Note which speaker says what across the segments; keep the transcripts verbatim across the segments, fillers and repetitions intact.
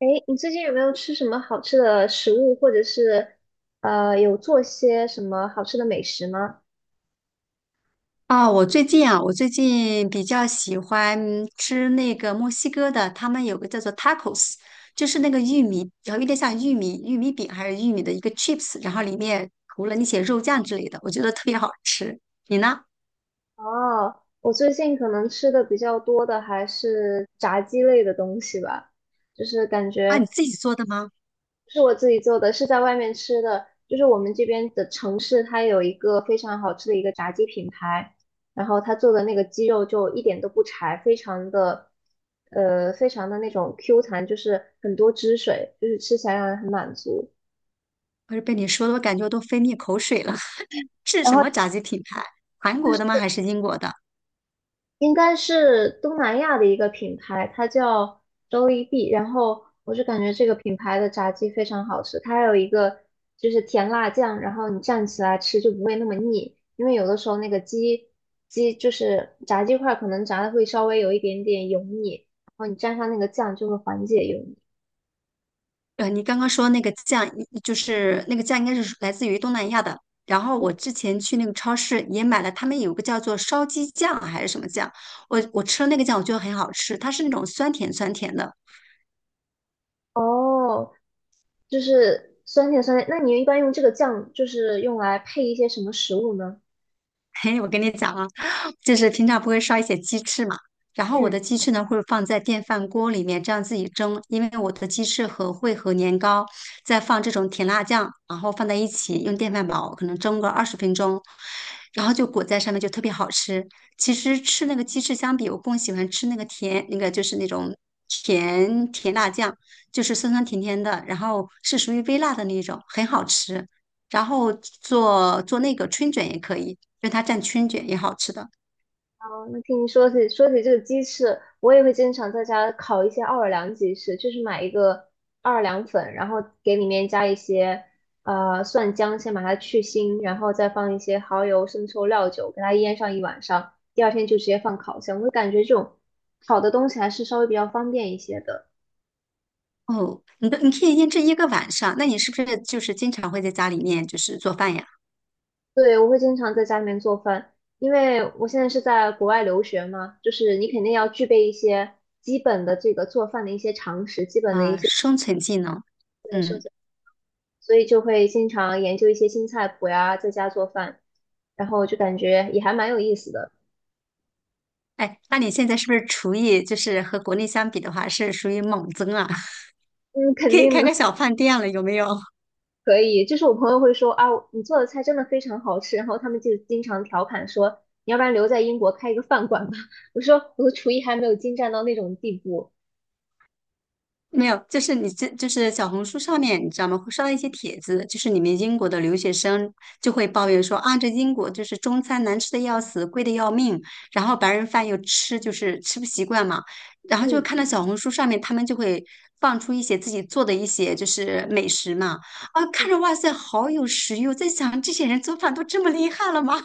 Speaker 1: 哎，你最近有没有吃什么好吃的食物，或者是呃有做些什么好吃的美食吗？
Speaker 2: 啊，我最近啊，我最近比较喜欢吃那个墨西哥的，他们有个叫做 tacos，就是那个玉米，然后有点像玉米玉米饼还是玉米的一个 chips，然后里面涂了那些肉酱之类的，我觉得特别好吃。你呢？
Speaker 1: 哦，我最近可能吃的比较多的还是炸鸡类的东西吧，就是感
Speaker 2: 啊，
Speaker 1: 觉
Speaker 2: 你自己做的吗？
Speaker 1: 不是我自己做的，是在外面吃的。就是我们这边的城市，它有一个非常好吃的一个炸鸡品牌，然后他做的那个鸡肉就一点都不柴，非常的呃非常的那种 Q 弹，就是很多汁水，就是吃起来让人很满足。
Speaker 2: 不是被你说的，我感觉我都分泌口水了。是
Speaker 1: 然
Speaker 2: 什
Speaker 1: 后。
Speaker 2: 么炸鸡品牌？韩国的吗？还是英国的？
Speaker 1: 应该是东南亚的一个品牌，它叫周一碧然后我就感觉这个品牌的炸鸡非常好吃，它还有一个就是甜辣酱，然后你蘸起来吃就不会那么腻。因为有的时候那个鸡鸡就是炸鸡块，可能炸的会稍微有一点点油腻，然后你蘸上那个酱就会缓解油腻。
Speaker 2: 呃，你刚刚说那个酱，就是那个酱应该是来自于东南亚的。然后我之前去那个超市也买了，他们有个叫做烧鸡酱还是什么酱，我我吃了那个酱，我觉得很好吃，它是那种酸甜酸甜的。
Speaker 1: 哦，就是酸甜酸甜。那你一般用这个酱就是用来配一些什么食物呢？
Speaker 2: 嘿，我跟你讲啊，就是平常不会烧一些鸡翅嘛，然后我的鸡翅呢会放在电饭锅里面这样自己蒸，因为我的鸡翅和会和年糕再放这种甜辣酱，然后放在一起用电饭煲可能蒸个二十分钟，然后就裹在上面就特别好吃。其实吃那个鸡翅相比，我更喜欢吃那个甜，那个就是那种甜甜辣酱，就是酸酸甜甜的，然后是属于微辣的那种，很好吃。然后做做那个春卷也可以，就它蘸春卷也好吃的。
Speaker 1: 哦，那听你说起说起这个鸡翅，我也会经常在家烤一些奥尔良鸡翅，就是买一个奥尔良粉，然后给里面加一些呃蒜姜，先把它去腥，然后再放一些蚝油、生抽、料酒，给它腌上一晚上，第二天就直接放烤箱。我会感觉这种烤的东西还是稍微比较方便一些的。
Speaker 2: 哦，你的你可以腌制一个晚上，那你是不是就是经常会在家里面就是做饭呀？
Speaker 1: 对，我会经常在家里面做饭，因为我现在是在国外留学嘛，就是你肯定要具备一些基本的这个做饭的一些常识，基本的一
Speaker 2: 啊、
Speaker 1: 些。
Speaker 2: 生存技能，嗯，
Speaker 1: 对，所以就会经常研究一些新菜谱呀，在家做饭，然后就感觉也还蛮有意思的。
Speaker 2: 哎，那你现在是不是厨艺就是和国内相比的话是属于猛增啊？
Speaker 1: 嗯，肯
Speaker 2: 可以
Speaker 1: 定
Speaker 2: 开
Speaker 1: 的，
Speaker 2: 个小饭店了，有没有？
Speaker 1: 可以。就是我朋友会说啊，你做的菜真的非常好吃，然后他们就经常调侃说，你要不然留在英国开一个饭馆吧。我说我的厨艺还没有精湛到那种地步。
Speaker 2: 没有，就是你这就是小红书上面，你知道吗？会刷到一些帖子，就是你们英国的留学生就会抱怨说啊，这英国就是中餐难吃的要死，贵的要命，然后白人饭又吃就是吃不习惯嘛，然后就
Speaker 1: 嗯。
Speaker 2: 看到小红书上面他们就会放出一些自己做的一些就是美食嘛，啊，看着哇塞，好有食欲！我在想，这些人做饭都这么厉害了吗？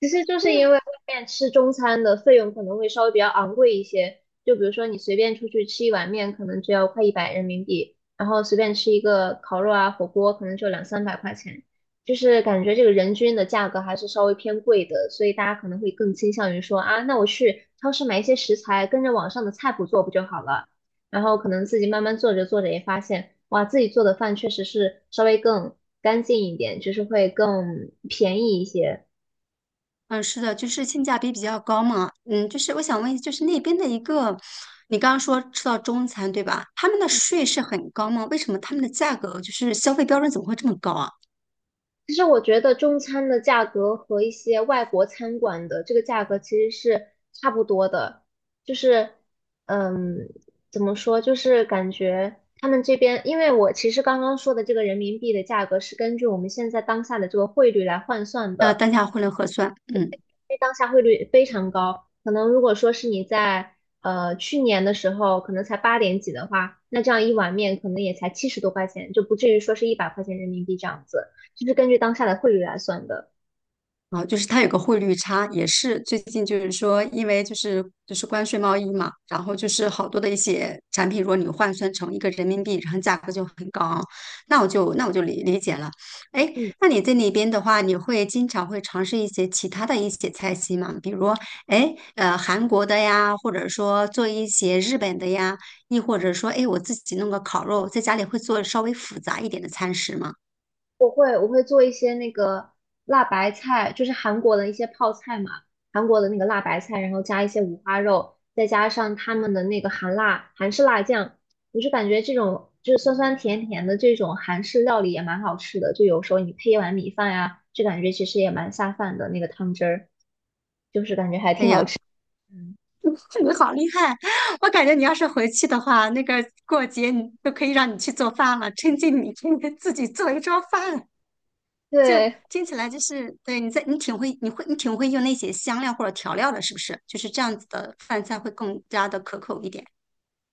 Speaker 1: 其实就是因为外面吃中餐的费用可能会稍微比较昂贵一些，就比如说你随便出去吃一碗面，可能只要快一百人民币，然后随便吃一个烤肉啊、火锅，可能就两三百块钱，就是感觉这个人均的价格还是稍微偏贵的，所以大家可能会更倾向于说啊，那我去超市买一些食材，跟着网上的菜谱做不就好了？然后可能自己慢慢做着做着也发现，哇，自己做的饭确实是稍微更干净一点，就是会更便宜一些。
Speaker 2: 嗯，是的，就是性价比比较高嘛。嗯，就是我想问，就是那边的一个，你刚刚说吃到中餐对吧？他们的税是很高吗？为什么他们的价格就是消费标准怎么会这么高啊？
Speaker 1: 其实我觉得中餐的价格和一些外国餐馆的这个价格其实是差不多的，就是，嗯，怎么说，就是感觉他们这边，因为我其实刚刚说的这个人民币的价格是根据我们现在当下的这个汇率来换算
Speaker 2: 呃，
Speaker 1: 的，
Speaker 2: 单价汇率核算，嗯。
Speaker 1: 因为当下汇率非常高，可能如果说是你在呃去年的时候可能才八点几的话，那这样一碗面可能也才七十多块钱，就不至于说是一百块钱人民币这样子，就是根据当下的汇率来算的。
Speaker 2: 啊，就是它有个汇率差，也是最近就是说，因为就是就是关税贸易嘛，然后就是好多的一些产品，如果你换算成一个人民币，然后价格就很高啊，那我就那我就理理解了。哎，
Speaker 1: 嗯，
Speaker 2: 那你在那边的话，你会经常会尝试一些其他的一些菜系吗？比如，哎，呃，韩国的呀，或者说做一些日本的呀，亦或者说，哎，我自己弄个烤肉，在家里会做稍微复杂一点的餐食吗？
Speaker 1: 我会我会做一些那个辣白菜，就是韩国的一些泡菜嘛，韩国的那个辣白菜，然后加一些五花肉，再加上他们的那个韩辣韩式辣酱，我就感觉这种就是酸酸甜甜的这种韩式料理也蛮好吃的，就有时候你配一碗米饭呀，就感觉其实也蛮下饭的那个汤汁儿。
Speaker 2: 哎呀，
Speaker 1: 嗯，
Speaker 2: 你好厉害！我感觉你要是回去的话，那个过节你都可以让你去做饭了，趁机你天天自己做一桌饭，就
Speaker 1: 对，
Speaker 2: 听起来就是对你在你挺会，你会你挺会用那些香料或者调料的，是不是？就是这样子的饭菜会更加的可口一点。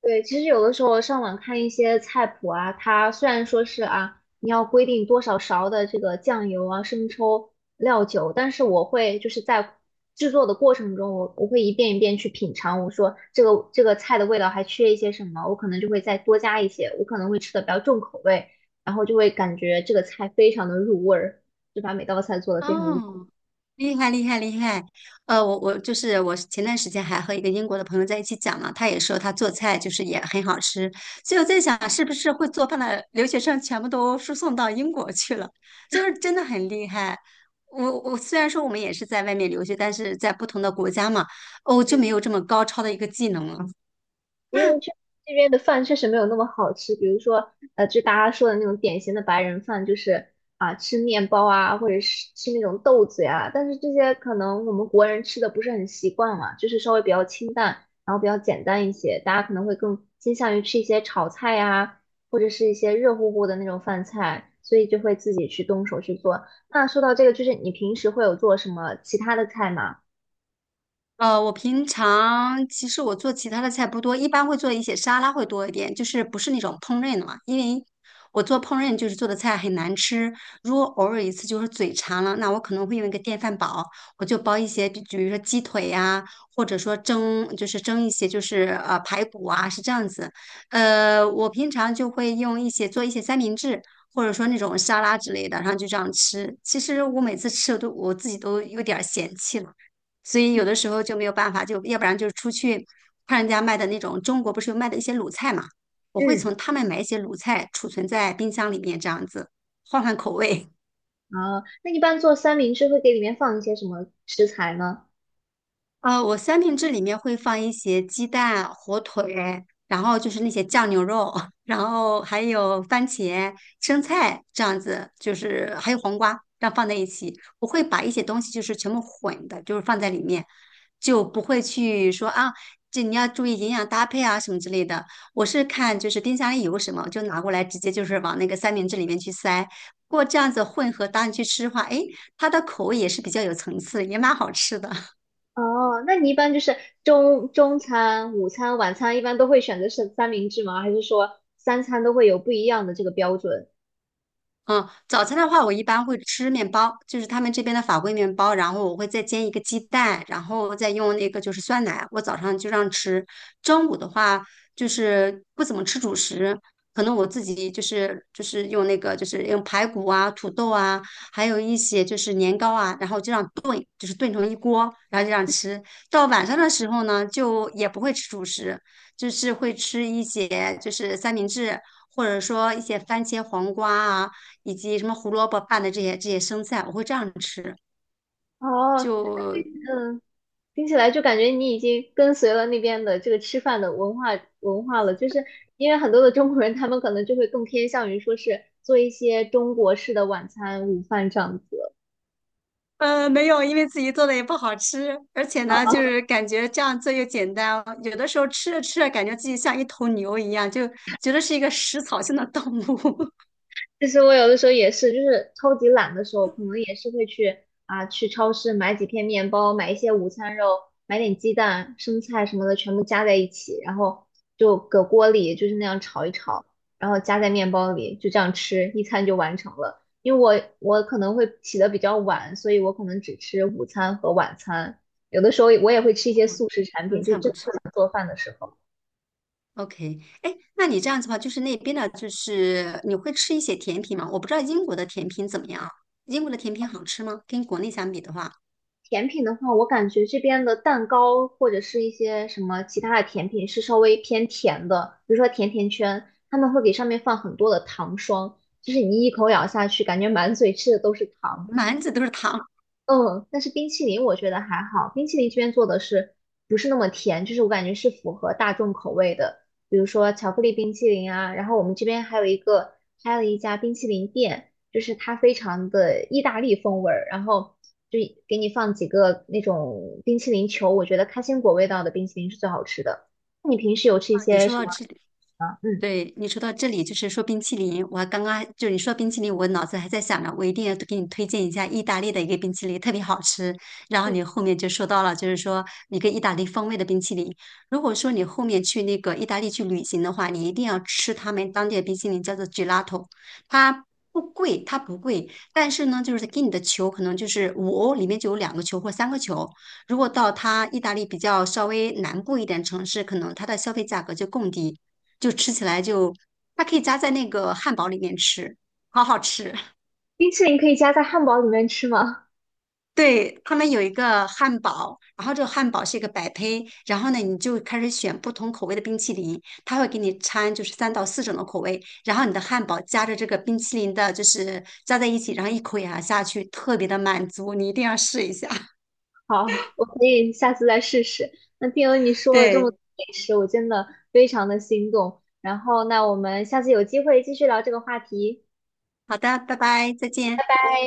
Speaker 1: 对，其实有的时候上网看一些菜谱啊，它虽然说是啊，你要规定多少勺的这个酱油啊、生抽、料酒，但是我会就是在制作的过程中，我我会一遍一遍去品尝，我说这个这个菜的味道还缺一些什么，我可能就会再多加一些，我可能会吃的比较重口味，然后就会感觉这个菜非常的入味儿，就把每道菜做的非常入口。
Speaker 2: 哦，厉害厉害厉害！呃，我我就是我前段时间还和一个英国的朋友在一起讲嘛，他也说他做菜就是也很好吃，所以我在想是不是会做饭的留学生全部都输送到英国去了，就是真的很厉害。我我虽然说我们也是在外面留学，但是在不同的国家嘛，哦，就没有这么高超的一个技能了。
Speaker 1: 因为这这边的饭确实没有那么好吃，比如说，呃，就大家说的那种典型的白人饭，就是啊、吃面包啊，或者是吃那种豆子呀。但是这些可能我们国人吃的不是很习惯嘛，就是稍微比较清淡，然后比较简单一些，大家可能会更倾向于吃一些炒菜呀，或者是一些热乎乎的那种饭菜，所以就会自己去动手去做。那说到这个，就是你平时会有做什么其他的菜吗？
Speaker 2: 呃，我平常其实我做其他的菜不多，一般会做一些沙拉会多一点，就是不是那种烹饪的嘛，因为我做烹饪就是做的菜很难吃，如果偶尔一次就是嘴馋了，那我可能会用一个电饭煲，我就煲一些，比比如说鸡腿呀、或者说蒸，就是蒸一些就是呃排骨啊，是这样子。呃，我平常就会用一些做一些三明治。或者说那种沙拉之类的，然后就这样吃。其实我每次吃我都我自己都有点儿嫌弃了。所以有的时候就没有办法，就要不然就是出去看人家卖的那种，中国不是有卖的一些卤菜嘛，我会
Speaker 1: 嗯，
Speaker 2: 从他们买一些卤菜储存在冰箱里面，这样子换换口味。
Speaker 1: 啊，那一般做三明治会给里面放一些什么食材呢？
Speaker 2: 呃，我三明治里面会放一些鸡蛋、火腿，然后就是那些酱牛肉，然后还有番茄、生菜这样子，就是还有黄瓜，这样放在一起。我会把一些东西就是全部混的，就是放在里面，就不会去说啊，这你要注意营养搭配啊什么之类的。我是看就是冰箱里有什么，就拿过来直接就是往那个三明治里面去塞。不过这样子混合搭你去吃的话，诶，它的口味也是比较有层次，也蛮好吃的。
Speaker 1: 哦，那你一般就是中中餐、午餐、晚餐，一般都会选择是三明治吗？还是说三餐都会有不一样的这个标准？
Speaker 2: 嗯，早餐的话，我一般会吃面包，就是他们这边的法棍面包，然后我会再煎一个鸡蛋，然后再用那个就是酸奶，我早上就这样吃。中午的话，就是不怎么吃主食，可能我自己就是就是用那个就是用排骨啊、土豆啊，还有一些就是年糕啊，然后就这样炖，就是炖成一锅，然后就这样吃。到晚上的时候呢，就也不会吃主食，就是会吃一些就是三明治，或者说一些番茄黄瓜啊。以及什么胡萝卜拌的这些这些生菜，我会这样吃。
Speaker 1: 哦，
Speaker 2: 就
Speaker 1: 嗯，听起来就感觉你已经跟随了那边的这个吃饭的文化文化了，就是因为很多的中国人，他们可能就会更偏向于说是做一些中国式的晚餐、午饭这样子。
Speaker 2: 呃没有，因为自己做的也不好吃，而且呢，就是感觉这样做又简单，有的时候吃着吃着，感觉自己像一头牛一样，就觉得是一个食草性的动物。
Speaker 1: 其实我有的时候也是，就是超级懒的时候，可能也是会去啊去超市买几片面包，买一些午餐肉，买点鸡蛋、生菜什么的，全部加在一起，然后就搁锅里就是那样炒一炒，然后加在面包里，就这样吃，一餐就完成了。因为我我可能会起得比较晚，所以我可能只吃午餐和晚餐，有的时候我也会 吃
Speaker 2: 我
Speaker 1: 一些速食产
Speaker 2: 荤
Speaker 1: 品，就
Speaker 2: 菜
Speaker 1: 真
Speaker 2: 不
Speaker 1: 的
Speaker 2: 吃。
Speaker 1: 不想做饭的时候。
Speaker 2: OK,哎，那你这样子的话，就是那边的，就是你会吃一些甜品吗？我不知道英国的甜品怎么样啊，英国的甜品好吃吗？跟国内相比的话，
Speaker 1: 甜品的话，我感觉这边的蛋糕或者是一些什么其他的甜品是稍微偏甜的，比如说甜甜圈，他们会给上面放很多的糖霜，就是你一口咬下去，感觉满嘴吃的都是糖。
Speaker 2: 满嘴都是糖
Speaker 1: 嗯，但是冰淇淋我觉得还好，冰淇淋这边做的是不是那么甜，就是我感觉是符合大众口味的，比如说巧克力冰淇淋啊，然后我们这边还有一个开了一家冰淇淋店，就是它非常的意大利风味儿，然后就给你放几个那种冰淇淋球，我觉得开心果味道的冰淇淋是最好吃的。那你平时有吃一
Speaker 2: 啊。你
Speaker 1: 些
Speaker 2: 说
Speaker 1: 什
Speaker 2: 到
Speaker 1: 么？
Speaker 2: 这
Speaker 1: 嗯，
Speaker 2: 对你说到这里，就是说冰淇淋，我刚刚就你说冰淇淋，我脑子还在想着，我一定要给你推荐一下意大利的一个冰淇淋，特别好吃。然后你后面就说到了，就是说一个意大利风味的冰淇淋。如果说你后面去那个意大利去旅行的话，你一定要吃他们当地的冰淇淋，叫做 gelato,它不贵，它不贵，但是呢，就是给你的球可能就是五欧，里面就有两个球或三个球。如果到它意大利比较稍微南部一点城市，可能它的消费价格就更低。就吃起来就它可以加在那个汉堡里面吃，好好吃。
Speaker 1: 冰淇淋可以加在汉堡里面吃吗？
Speaker 2: 对，他们有一个汉堡，然后这个汉堡是一个百胚，然后呢，你就开始选不同口味的冰淇淋，他会给你掺就是三到四种的口味，然后你的汉堡夹着这个冰淇淋的，就是加在一起，然后一口咬下去，特别的满足，你一定要试一下。
Speaker 1: 好，我可以下次再试试。那听了你说了这么
Speaker 2: 对，
Speaker 1: 多美食，我真的非常的心动。然后，那我们下次有机会继续聊这个话题。
Speaker 2: 好的，拜拜，再见。
Speaker 1: 拜。